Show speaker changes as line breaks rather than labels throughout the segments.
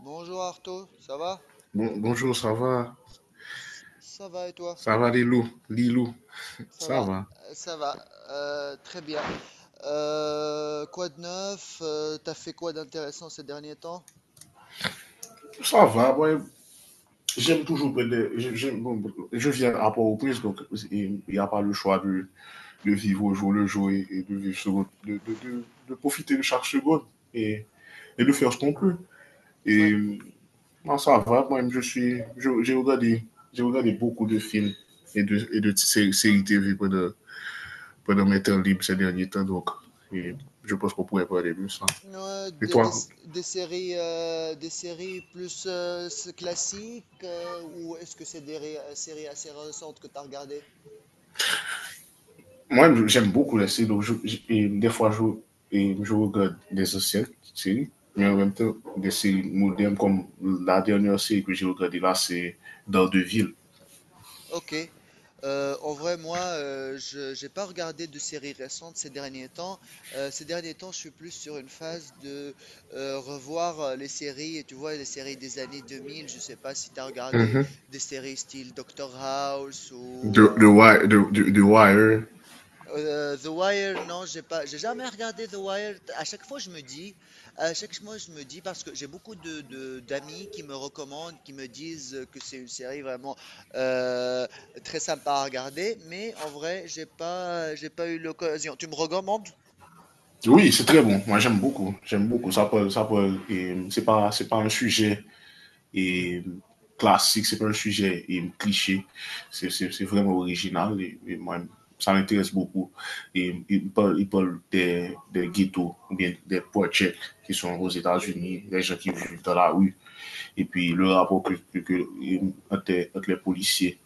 Bonjour Arto, ça va?
Bonjour, ça va?
Ça va et toi?
Ça va, Lilou? Lilou,
Ça
ça
va,
va?
ça va, très bien. Quoi de neuf? T'as fait quoi d'intéressant ces derniers temps?
Ça va, ouais. j'aime toujours prendre des- je- j'aime- bon, je viens à Port-au-Prince, donc il n'y a pas le choix de vivre au jour le jour, et de, vivre sur- de profiter de chaque seconde, et, et de faire ce qu'on peut.
Ouais,
Et non, ça va, moi, je suis, je- j'ai regardé beaucoup de films et de séries TV pendant mes temps libres ces derniers temps, donc et je pense qu'on pourrait parler de ça.
ouais,
Et
des, des-
toi?
des séries, des séries plus classiques, ou est-ce que c'est des séries assez récentes que t'as regardées?
Moi, j'aime beaucoup les séries. Et des fois, et je regarde des anciennes séries, mais en même temps, des séries modernes, comme la dernière série que j'ai regardée là, c'est Dans deux villes.
Ok. En vrai, moi, je j'ai pas regardé de séries récentes ces derniers temps. Ces derniers temps, je suis plus sur une phase de revoir les séries, et tu vois, les séries des années 2000. Je sais pas si tu as regardé
Mhm.
des séries style Doctor House ou
The, the, Wi- the, the, the Wire.
The Wire. Non, j'ai jamais regardé The Wire. À chaque fois, je me dis, parce que j'ai beaucoup d'amis qui me recommandent, qui me disent que c'est une série vraiment euh, très sympa à regarder. Mais en vrai, j'ai pas eu l'occasion. Tu me recommandes?
Oui, c'est très bon. Moi, j'aime beaucoup. J'aime beaucoup. Ça parle, c'est pas un sujet et classique, c'est pas un sujet cliché, c'est vraiment original, et moi, ça m'intéresse beaucoup. Et il parle des ghettos ou bien des projets qui sont aux
Mhm.
États-Unis, des gens qui vivent dans la rue, et puis le rapport que entre les policiers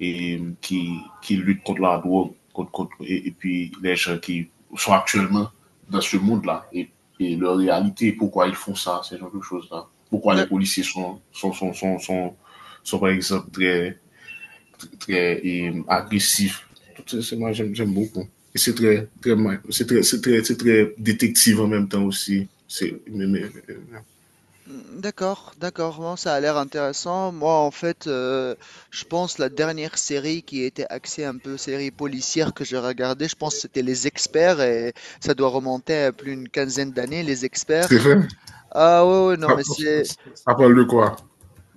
et, qui luttent contre la drogue, contre, contre puis les gens qui sont actuellement dans ce monde-là, et leur réalité, pourquoi ils font ça, ce genre de choses-là. Pourquoi les
D'ac-
policiers sont par exemple très agressifs. Tout ça, moi, j'aime beaucoup. Et c'est très, très, c'est très, c'est très, c'est très détective en même temps aussi. Mais, euh,
Mm. D'accord, d'accord, bon, ça a l'air intéressant. Moi, en fait, je pense la dernière série qui était axée un peu série policière que j'ai regardée, je pense que c'était Les Experts, et ça doit remonter à plus d'une quinzaine d'années, Les
c'est
Experts.
vrai.
Ah, ouais, ouais, non,
Ça,
mais c'est...
ça, ça prend le quoi.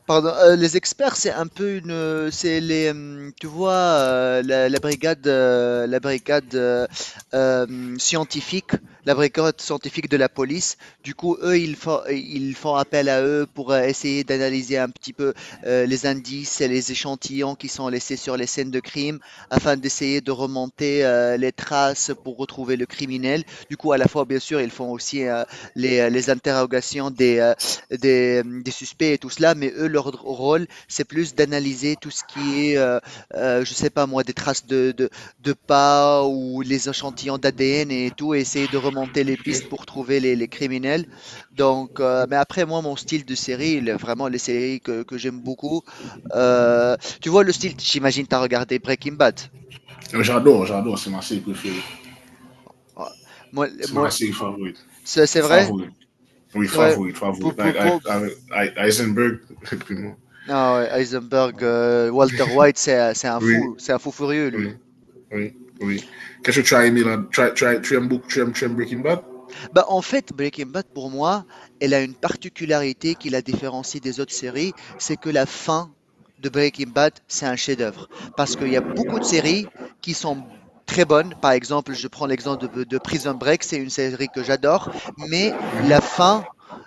Pardon, les experts, c'est un peu c'est les, tu vois, la brigade, scientifique, la brigade scientifique de la police. Du coup, eux, ils font appel à eux pour, essayer d'analyser un petit peu, les indices et les échantillons qui sont laissés sur les scènes de crime afin d'essayer de remonter, les traces pour retrouver le criminel. Du coup, à la fois, bien sûr, ils font aussi, les interrogations des suspects et tout cela, mais eux, leur rôle, c'est plus d'analyser tout ce qui est, je sais pas moi, des traces de pas ou les échantillons d'ADN et tout, et essayer de remonter les pistes pour trouver les criminels. Donc, mais après moi, mon style de série, il est vraiment les séries que j'aime beaucoup. Tu vois le style, j'imagine tu as regardé Breaking Bad?
J'adore, j'adore. C'est ma série préférée.
Ouais. Moi
C'est ma
moi
série favorite.
c'est vrai?
Favorite. Oui,
C'est vrai?
favorite,
Pour
favorite.
pou
Like, I avec Heisenberg.
Ah, ouais, Heisenberg, Walter White,
Oui,
c'est un fou furieux lui.
oui, oui, oui. Qu'est-ce que tu as aimé là? Tu aimes beaucoup, tu aimes Breaking Bad?
Bah en fait, Breaking Bad pour moi, elle a une particularité qui la différencie des autres séries, c'est que la fin de Breaking Bad, c'est un chef-d'œuvre. Parce qu'il y a beaucoup de séries qui sont très bonnes. Par exemple, je prends l'exemple de Prison Break, c'est une série que j'adore, mais la fin,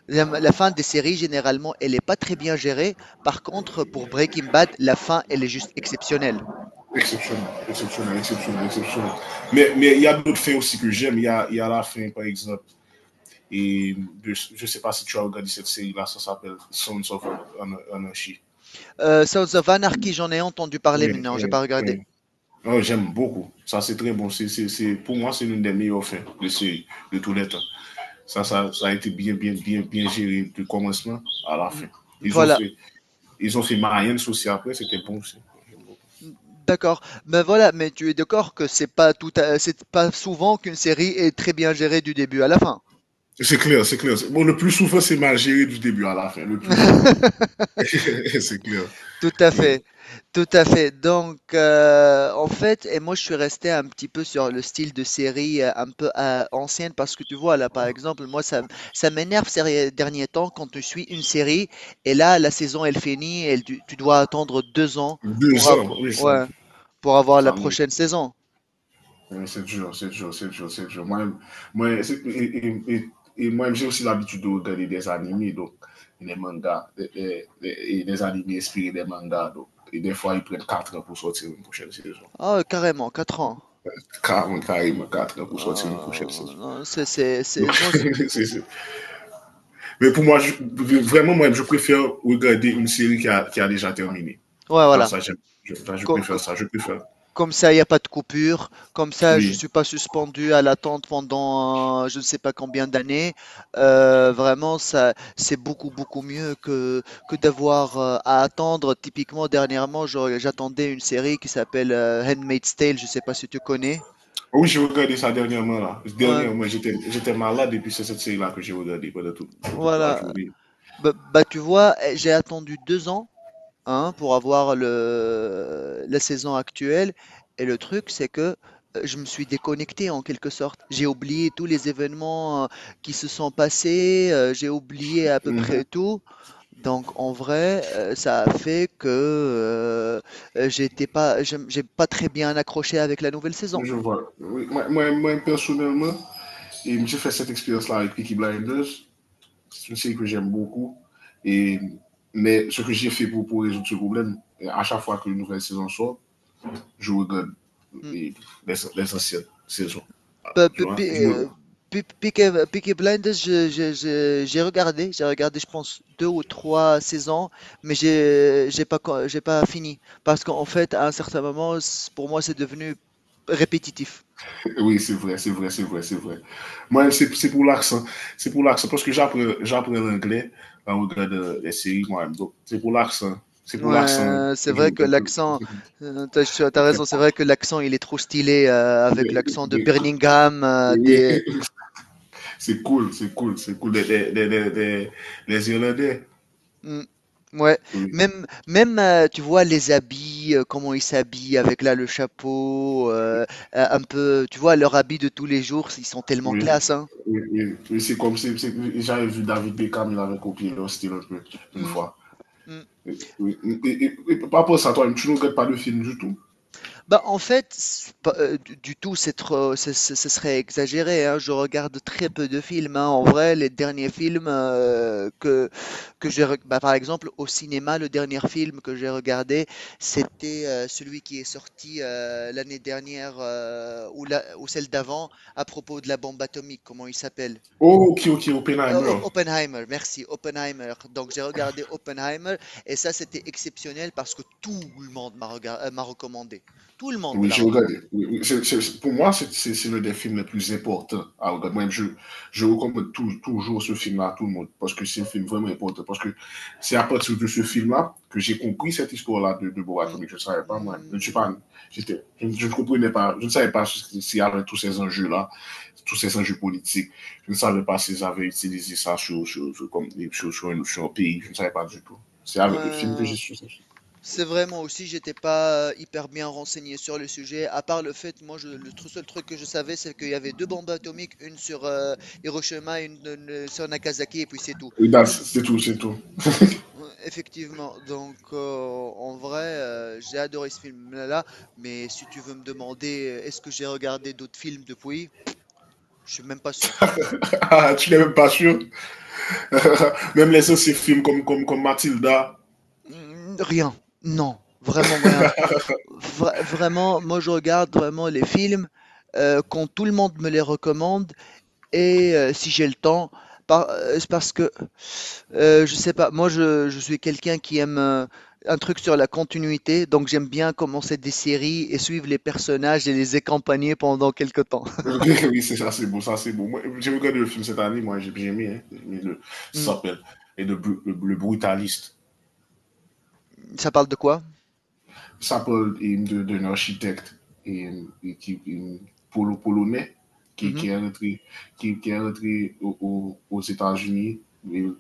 la fin des séries généralement, elle n'est pas très bien gérée. Par contre, pour Breaking Bad, la fin, elle est juste exceptionnelle.
Exceptionnel, exceptionnel, exceptionnel, exceptionnel. Mais y a d'autres faits aussi que j'aime. Il y a la fin, par exemple. Et je ne sais pas si tu as regardé cette série-là, ça s'appelle Sons of Anarchy.
Sons of Anarchy, j'en ai entendu parler,
Oui,
mais non, j'ai
oui,
pas regardé.
oui. Oh, j'aime beaucoup. Ça, c'est très bon. Pour moi, c'est l'une des meilleures fins de série de tous les temps. Ça a été bien géré du commencement à la fin.
Mhm.
Ils ont
Voilà.
fait, ils ont fait Marianne aussi après, c'était bon aussi.
D'accord. Mais voilà. Mais tu es d'accord que c'est pas souvent qu'une série est très bien gérée du début à la fin.
C'est clair, c'est clair. Bon, le plus souvent, c'est mal géré du début à la fin, le plus souvent. C'est clair,
Tout à
oui.
fait, tout à fait. Donc, en fait, et moi je suis resté un petit peu sur le style de série un peu ancienne, parce que tu vois là, par exemple, moi, ça m'énerve ces derniers temps quand tu suis une série et là la saison elle finit, et tu dois attendre 2 ans pour
2 ans,
avoir,
oui, ça,
ouais, pour avoir la
ça me...
prochaine saison.
Oui, c'est dur, c'est dur, c'est dur, c'est dur. Moi, moi et, et, j'ai aussi l'habitude de regarder des animés, donc des mangas, et des animés inspirés des mangas, donc, et des fois, ils prennent 4 ans pour sortir une prochaine saison.
Ah, carrément, 4 ans.
Carrément, carrément, 80 pour sortir une prochaine
Euh,
saison.
non,
Donc, mais pour moi, vraiment, moi, je préfère regarder une série qui a déjà terminé.
ouais,
Enfin,
voilà.
ça, j'aime. Enfin, je préfère ça, je préfère.
Comme ça, il n'y a pas de coupure. Comme ça, je ne
Oui.
suis pas suspendu à l'attente pendant, je ne sais pas combien d'années. Vraiment, ça, c'est beaucoup, beaucoup mieux que d'avoir, à attendre. Typiquement, dernièrement, j'attendais une série qui s'appelle, Handmaid's Tale. Je ne sais pas si tu connais.
Ah oui, j'ai regardé ça dernièrement, là.
Ouais,
Dernièrement, j'étais malade et puis c'est cette série-là que j'ai regardée pendant toute la
voilà.
journée.
Bah, bah, tu vois, eh, j'ai attendu 2 ans, hein, pour avoir le la saison actuelle, et le truc, c'est que, je me suis déconnecté en quelque sorte. J'ai oublié tous les événements, qui se sont passés. J'ai oublié à peu près tout. Donc en vrai, ça a fait que, j'ai pas très bien accroché avec la nouvelle saison.
Je vois. Oui. Moi, personnellement, j'ai fait cette expérience-là avec Peaky Blinders. C'est une série que j'aime beaucoup. Et, mais ce que j'ai fait pour résoudre ce problème, à chaque fois qu'une nouvelle saison sort, je regarde
Hmm.
les, les anciennes saisons.
Pe-
Je
pe-
regarde.
pe- euh, Peaky Blinders, j'ai regardé, je pense, deux ou trois saisons, mais j'ai pas fini. Parce qu'en fait, à un certain moment, pour moi, c'est devenu répétitif.
Oui, c'est vrai, c'est vrai, c'est vrai, c'est vrai. Moi, c'est pour l'accent. C'est pour l'accent. Parce que j'apprends l'anglais en regardant les séries moi-même. Donc, c'est pour l'accent. C'est pour l'accent
Ouais, c'est
que je
vrai que
regarde.
l'accent, t'as, tu as t'as raison, c'est vrai que l'accent, il est trop stylé, avec l'accent de Birmingham,
C'est cool, c'est cool, c'est cool. Les Irlandais,
Mm, ouais,
oui,
même, même, tu vois les habits, comment ils s'habillent avec là le chapeau, un peu, tu vois leur habit de tous les jours, ils sont tellement
oui,
classe, hein.
oui, oui, oui. C'est comme si j'avais vu David Beckham, il avait copié leur style un peu, une
Mm,
fois.
mm.
Oui, oui, et par rapport à ça, toi, tu ne regrettes pas le film du tout?
Bah, en fait, c'est pas, du tout, c'est trop, ce serait exagéré, hein. Je regarde très peu de films, hein. En vrai, les derniers films, que j'ai reg bah, par exemple, au cinéma, le dernier film que j'ai regardé, c'était, celui qui est sorti, l'année dernière, ou celle d'avant, à propos de la bombe atomique. Comment il s'appelle?
Oh, ok, ok,
Op
Oppenheimer.
Oppenheimer, merci, Oppenheimer. Donc j'ai regardé Oppenheimer, et ça, c'était exceptionnel parce que tout le monde m'a recommandé. Tout le monde me
Oui,
l'a
j'ai
recommandé.
regardé. Oui, oui. Pour moi, c'est l'un des films les plus importants à regarder. Moi, je recommande toujours ce film-là à tout le monde parce que c'est un film vraiment important. Parce que c'est à partir de ce film-là que j'ai compris cette histoire-là de Borat
Mm.
Atomique. Je ne savais pas, moi. Je ne suis
Mm.
pas, je ne comprenais pas. Je ne savais pas si s'il y avait tous ces enjeux-là, tous ces enjeux politiques. Je ne savais pas s'ils avaient utilisé ça sur, sur, sur- comme, sur, sur un pays. Je ne savais pas du tout. C'est avec le film que
Euh,
j'ai su.
c'est vraiment aussi, j'étais pas hyper bien renseigné sur le sujet, à part le fait, moi, seul truc que je savais, c'est qu'il y avait deux bombes atomiques, une sur, Hiroshima, et une sur Nagasaki, et puis c'est tout.
Oui, bah,
Tout le-
c'est tout, c'est tout.
euh, ouais, effectivement, donc, en vrai, j'ai adoré ce film-là, mais si tu veux me demander, est-ce que j'ai regardé d'autres films depuis, je suis même pas sûr.
Ah, tu n'es même pas sûr? Même les anciens films comme Mathilda.
Mm, rien, non, vraiment rien. Vraiment, moi je regarde vraiment les films, quand tout le monde me les recommande, et si j'ai le temps, par c'est parce que, je sais pas, moi je suis quelqu'un qui aime, un truc sur la continuité. Donc j'aime bien commencer des séries et suivre les personnages et les accompagner pendant quelque temps.
Oui, c'est ça, c'est beau, ça, c'est beau. Moi, j'ai regardé le film cette année, moi, j'ai aimé. Hein, j'ai aimé
Mmh.
ça s'appelle et de le brutaliste.
Ça parle de quoi?
Ça parle d'un architecte et, et qui, et polonais, qui,
Mmh mh.
qui est rentré, qui est rentré aux États-Unis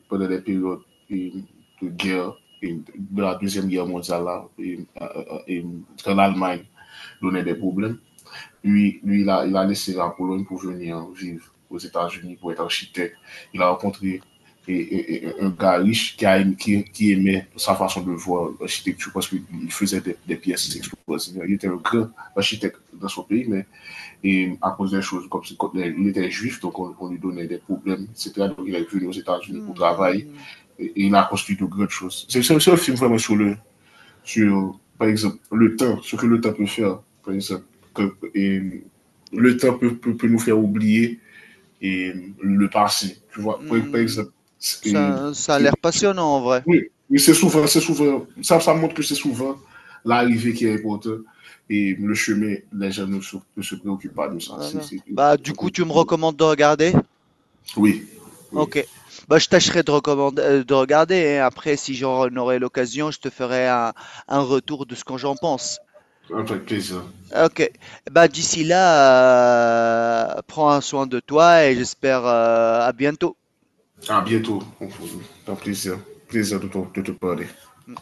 pendant des périodes et de guerre, et de la Deuxième Guerre mondiale, là, et quand l'Allemagne donnait des problèmes. Lui, il a laissé la Pologne pour venir vivre aux États-Unis pour être architecte. Il a rencontré un gars riche qui aimait sa façon de voir l'architecture parce qu'il faisait des pièces explosives. Il était un grand architecte dans son pays, mais à cause des choses comme il était juif, donc on lui donnait des problèmes, etc. Donc il est venu aux États-Unis pour travailler,
Mmh.
et il a construit de grandes choses. C'est un film vraiment sur, par exemple, le temps, ce que le temps peut faire, par exemple. que- et le temps peut nous faire oublier et le passé. Tu vois, par
Mmh.
exemple. et
Ça a l'air
c'est- c'est-
passionnant en vrai.
oui, oui, c'est souvent, ça montre que c'est souvent l'arrivée qui est importante, et le chemin, les gens ne se préoccupent pas de ça.
D'accord.
Ils
Bah, du
se
coup, tu
préoccupent.
me recommandes de regarder?
Oui, oui,
OK. Bah, je tâcherai de regarder, hein. Après, si j'en aurai l'occasion, je te ferai un retour de ce que j'en pense.
avec plaisir.
OK. Bah, d'ici là, prends soin de toi et j'espère, à bientôt.
À bientôt. Un plaisir, plaisir de de te parler.
Mmh. Mmh.